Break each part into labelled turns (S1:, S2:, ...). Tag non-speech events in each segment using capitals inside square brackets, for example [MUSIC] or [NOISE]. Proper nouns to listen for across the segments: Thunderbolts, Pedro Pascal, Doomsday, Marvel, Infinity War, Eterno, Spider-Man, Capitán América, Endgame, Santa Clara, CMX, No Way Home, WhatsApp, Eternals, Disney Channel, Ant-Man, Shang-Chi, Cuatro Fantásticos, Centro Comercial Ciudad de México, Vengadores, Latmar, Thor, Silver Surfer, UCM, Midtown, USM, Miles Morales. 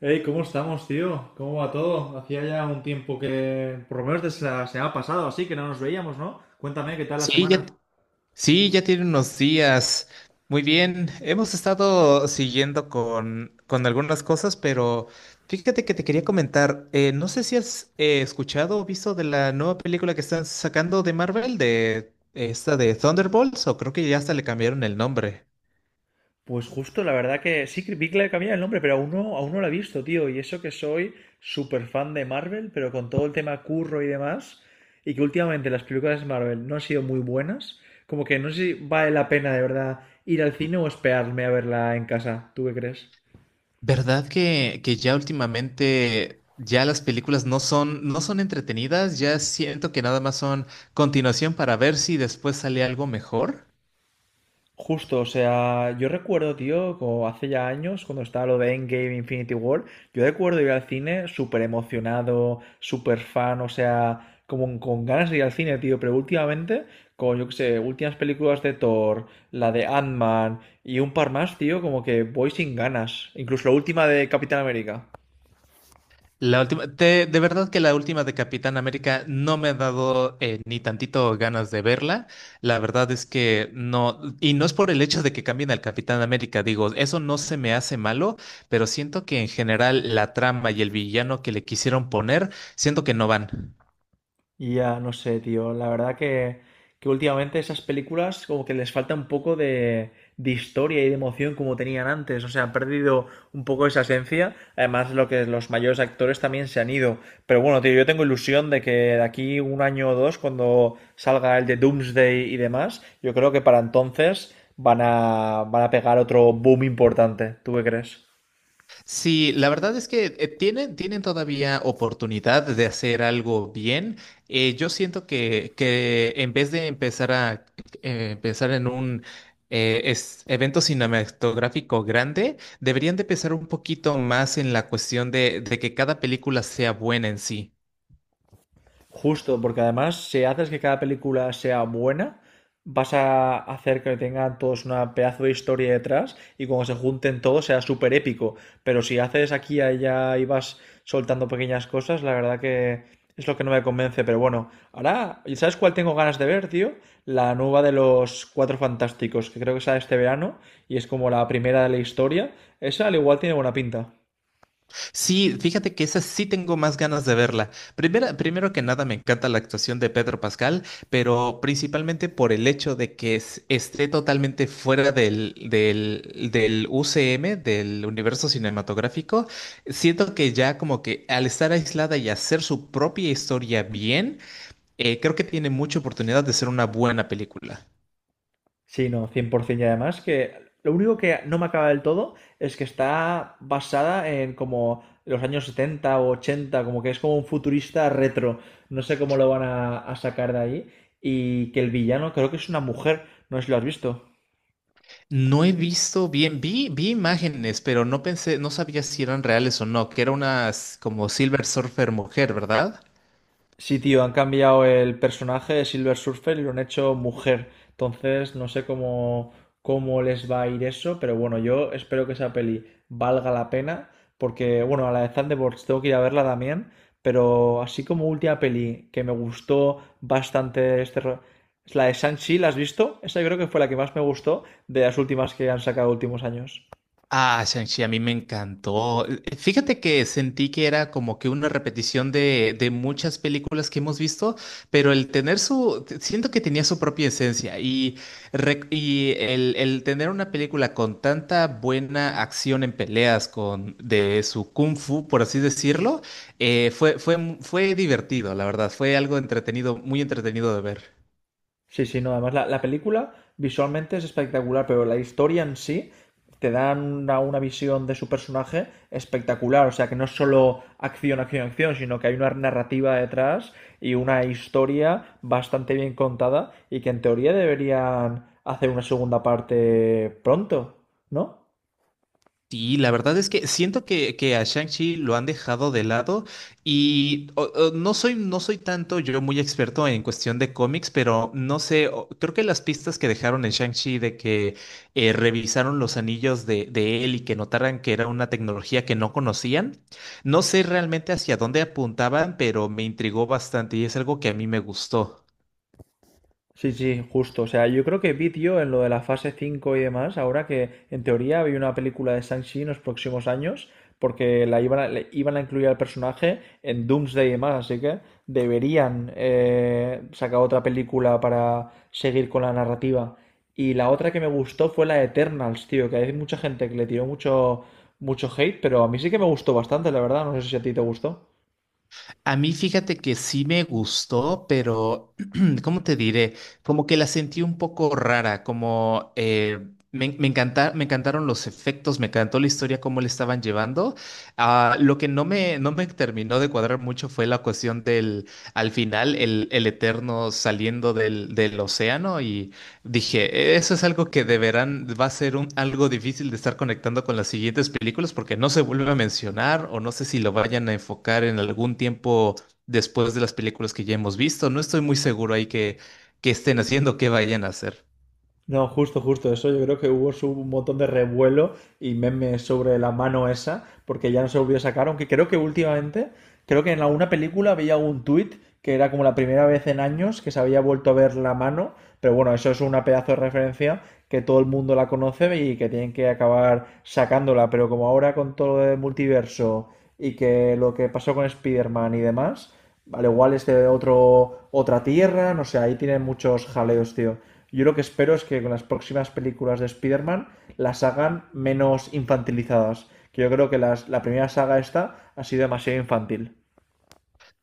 S1: Hey, ¿cómo estamos, tío? ¿Cómo va todo? Hacía ya un tiempo que, por lo menos desde la semana pasada, así que no nos veíamos, ¿no? Cuéntame, ¿qué tal la
S2: Sí, ya,
S1: semana?
S2: t- sí, ya tiene unos días. Muy bien, hemos estado siguiendo con algunas cosas, pero fíjate que te quería comentar, no sé si has escuchado o visto de la nueva película que están sacando de Marvel, de esta de Thunderbolts, o creo que ya hasta le cambiaron el nombre.
S1: Pues justo, la verdad que sí que vi que le cambiaba el nombre, pero aún no lo he visto, tío. Y eso que soy súper fan de Marvel, pero con todo el tema curro y demás, y que últimamente las películas de Marvel no han sido muy buenas, como que no sé si vale la pena de verdad ir al cine o esperarme a verla en casa. ¿Tú qué crees?
S2: ¿Verdad que ya últimamente ya las películas no son entretenidas? Ya siento que nada más son continuación para ver si después sale algo mejor.
S1: Justo, o sea, yo recuerdo, tío, como hace ya años, cuando estaba lo de Endgame Infinity War, yo recuerdo ir al cine súper emocionado, súper fan, o sea, como con ganas de ir al cine, tío, pero últimamente, con, yo qué sé, últimas películas de Thor, la de Ant-Man y un par más, tío, como que voy sin ganas, incluso la última de Capitán América.
S2: La última, de verdad que la última de Capitán América no me ha dado ni tantito ganas de verla. La verdad es que no, y no es por el hecho de que cambien al Capitán América, digo, eso no se me hace malo, pero siento que en general la trama y el villano que le quisieron poner, siento que no van.
S1: Y ya, no sé, tío. La verdad que últimamente esas películas como que les falta un poco de historia y de emoción como tenían antes. O sea, han perdido un poco esa esencia. Además, lo que los mayores actores también se han ido. Pero bueno, tío, yo tengo ilusión de que de aquí un año o dos, cuando salga el de Doomsday y demás, yo creo que para entonces van a pegar otro boom importante. ¿Tú qué crees?
S2: Sí, la verdad es que tienen, tienen todavía oportunidad de hacer algo bien. Yo siento que en vez de empezar a pensar en un evento cinematográfico grande, deberían de pensar un poquito más en la cuestión de que cada película sea buena en sí.
S1: Justo, porque además, si haces que cada película sea buena, vas a hacer que tengan todos una pedazo de historia detrás y cuando se junten todos sea súper épico. Pero si haces aquí, y allá y vas soltando pequeñas cosas, la verdad que es lo que no me convence. Pero bueno, ahora, ¿y sabes cuál tengo ganas de ver, tío? La nueva de los Cuatro Fantásticos, que creo que sale este verano y es como la primera de la historia. Esa al igual tiene buena pinta.
S2: Sí, fíjate que esa sí tengo más ganas de verla. Primera, primero que nada, me encanta la actuación de Pedro Pascal, pero principalmente por el hecho de que esté totalmente fuera del UCM, del universo cinematográfico. Siento que ya como que al estar aislada y hacer su propia historia bien, creo que tiene mucha oportunidad de ser una buena película.
S1: Sí, no, 100%. Y además que lo único que no me acaba del todo es que está basada en como los años 70 o 80 como que es como un futurista retro. No sé cómo lo van a sacar de ahí. Y que el villano creo que es una mujer, no sé si lo has visto.
S2: No he visto bien, vi imágenes, pero no pensé, no sabía si eran reales o no, que era una como Silver Surfer mujer, ¿verdad?
S1: Sí, tío, han cambiado el personaje de Silver Surfer y lo han hecho mujer. Entonces, no sé cómo, cómo les va a ir eso, pero bueno, yo espero que esa peli valga la pena, porque, bueno, a la de Thunderbolts tengo que ir a verla también, pero así como última peli que me gustó bastante es la de Shang-Chi, ¿la has visto? Esa yo creo que fue la que más me gustó de las últimas que han sacado últimos años.
S2: Ah, Shang-Chi, a mí me encantó. Fíjate que sentí que era como que una repetición de muchas películas que hemos visto, pero el tener siento que tenía su propia esencia y, y el tener una película con tanta buena acción en peleas, con de su kung fu, por así decirlo, fue divertido, la verdad, fue algo entretenido, muy entretenido de ver.
S1: Sí, sí, no, además la película visualmente es espectacular, pero la historia en sí te dan una visión de su personaje espectacular, o sea que no es solo acción, acción, acción, sino que hay una narrativa detrás y una historia bastante bien contada y que en teoría deberían hacer una segunda parte pronto, ¿no?
S2: Sí, la verdad es que siento que a Shang-Chi lo han dejado de lado y no soy tanto yo muy experto en cuestión de cómics, pero no sé, creo que las pistas que dejaron en Shang-Chi de que revisaron los anillos de él y que notaran que era una tecnología que no conocían, no sé realmente hacia dónde apuntaban, pero me intrigó bastante y es algo que a mí me gustó.
S1: Sí, sí, justo. O sea, yo creo que vídeo en lo de la fase 5 y demás, ahora que en teoría había una película de Shang-Chi en los próximos años, porque le iban a incluir al personaje en Doomsday y demás, así que deberían sacar otra película para seguir con la narrativa. Y la otra que me gustó fue la de Eternals, tío, que hay mucha gente que le tiró mucho, mucho hate, pero a mí sí que me gustó bastante, la verdad. No sé si a ti te gustó.
S2: A mí fíjate que sí me gustó, pero [CLEARS THROAT] ¿cómo te diré? Como que la sentí un poco rara, como me encantaron los efectos, me encantó la historia, cómo le estaban llevando. Ah, lo que no me terminó de cuadrar mucho fue la cuestión del, al final, el Eterno saliendo del océano. Dije, eso es algo que deberán, va a ser algo difícil de estar conectando con las siguientes películas porque no se vuelve a mencionar o no sé si lo vayan a enfocar en algún tiempo después de las películas que ya hemos visto. No estoy muy seguro ahí que estén haciendo, qué vayan a hacer.
S1: No, justo, justo eso. Yo creo que un montón de revuelo y memes sobre la mano esa, porque ya no se volvió a sacar. Aunque creo que últimamente, creo que en alguna película había un tuit que era como la primera vez en años que se había vuelto a ver la mano. Pero bueno, eso es una pedazo de referencia que todo el mundo la conoce y que tienen que acabar sacándola. Pero como ahora con todo lo del multiverso y que lo que pasó con Spider-Man y demás, al igual es de otra tierra, no sé, ahí tienen muchos jaleos, tío. Yo lo que espero es que con las próximas películas de Spider-Man las hagan menos infantilizadas. Que yo creo que la primera saga esta ha sido demasiado infantil.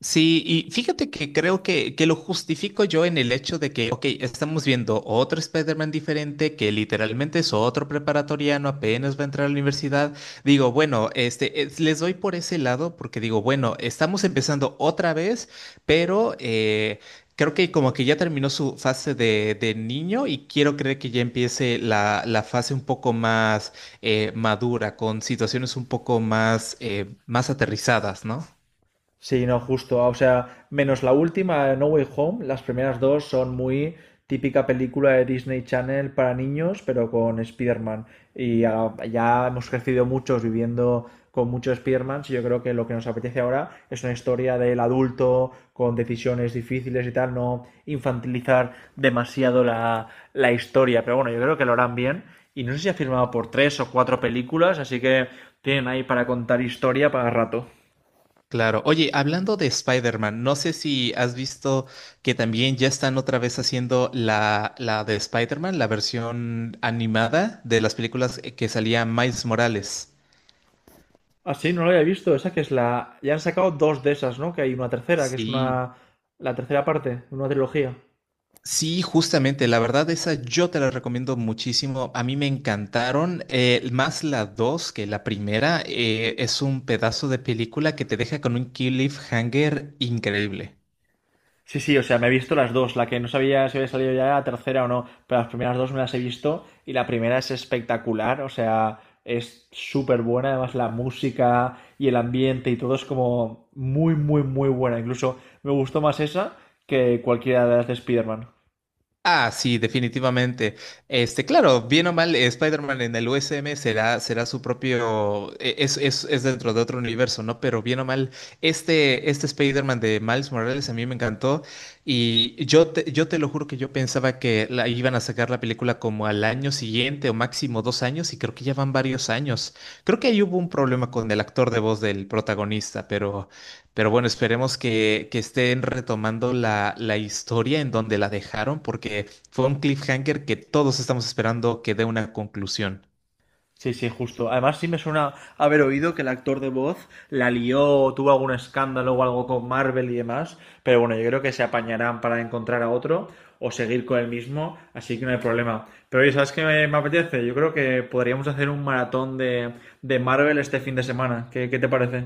S2: Sí, y fíjate que creo que lo justifico yo en el hecho de que, ok, estamos viendo otro Spider-Man diferente, que literalmente es otro preparatoriano, apenas va a entrar a la universidad. Digo, bueno, les doy por ese lado porque digo, bueno, estamos empezando otra vez, pero creo que como que ya terminó su fase de niño y quiero creer que ya empiece la fase un poco más madura, con situaciones un poco más, más aterrizadas, ¿no?
S1: Sí, no, justo. Ah, o sea, menos la última, No Way Home, las primeras dos son muy típica película de Disney Channel para niños, pero con Spider-Man. Y ya, ya hemos crecido muchos viviendo con muchos Spider-Man. Y yo creo que lo que nos apetece ahora es una historia del adulto con decisiones difíciles y tal, no infantilizar demasiado la historia. Pero bueno, yo creo que lo harán bien. Y no sé si ha firmado por tres o cuatro películas, así que tienen ahí para contar historia para rato.
S2: Claro. Oye, hablando de Spider-Man, no sé si has visto que también ya están otra vez haciendo la de Spider-Man, la versión animada de las películas que salía Miles Morales.
S1: Ah, sí, no lo había visto. Esa que es la. Ya han sacado dos de esas, ¿no? Que hay una tercera, que es
S2: Sí,
S1: una. La tercera parte, una trilogía.
S2: Sí, justamente, la verdad esa yo te la recomiendo muchísimo. A mí me encantaron, más la dos que la primera. Es un pedazo de película que te deja con un cliffhanger increíble.
S1: Sí, sí, o sea, me he visto las dos. La que no sabía si había salido ya la tercera o no, pero las primeras dos me las he visto y la primera es espectacular, o sea, es súper buena. Además, la música y el ambiente y todo es como muy, muy, muy buena. Incluso me gustó más esa que cualquiera de las de Spider-Man.
S2: Ah, sí, definitivamente. Este, claro, bien o mal, Spider-Man en el USM será su propio, es dentro de otro universo, ¿no? Pero bien o mal, este Spider-Man de Miles Morales a mí me encantó y yo te lo juro que yo pensaba que iban a sacar la película como al año siguiente o máximo dos años y creo que ya van varios años. Creo que ahí hubo un problema con el actor de voz del protagonista, pero... Pero bueno, esperemos que estén retomando la historia en donde la dejaron, porque fue un cliffhanger que todos estamos esperando que dé una conclusión.
S1: Sí, sí, justo. Además, sí me suena haber oído que el actor de voz la lió, tuvo algún escándalo o algo con Marvel y demás. Pero bueno, yo creo que se apañarán para encontrar a otro o seguir con el mismo, así que no hay problema. Pero oye, ¿sabes qué me apetece? Yo creo que podríamos hacer un maratón de Marvel este fin de semana. ¿Qué, qué te parece?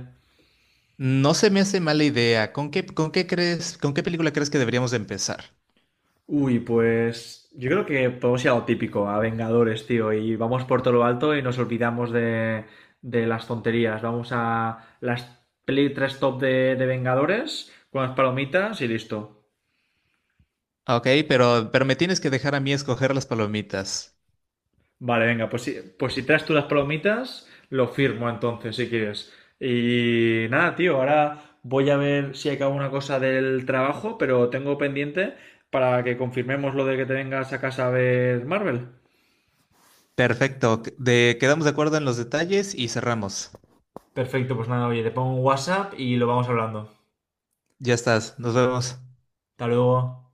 S2: No se me hace mala idea. Con qué crees, con qué película crees que deberíamos de empezar?
S1: Uy, pues yo creo que podemos ir a lo típico, a Vengadores, tío, y vamos por todo lo alto y nos olvidamos de las tonterías. Vamos a las peli 3 top de Vengadores con las palomitas y listo.
S2: Ok, pero me tienes que dejar a mí escoger las palomitas.
S1: Vale, venga, pues si traes tú las palomitas, lo firmo entonces, si quieres. Y nada, tío, ahora voy a ver si acabo una cosa del trabajo, pero tengo pendiente para que confirmemos lo de que te vengas a casa a ver Marvel.
S2: Perfecto. De, quedamos de acuerdo en los detalles y cerramos.
S1: Perfecto, pues nada, oye, te pongo un WhatsApp y lo vamos hablando.
S2: Ya estás. Nos vemos.
S1: Hasta luego.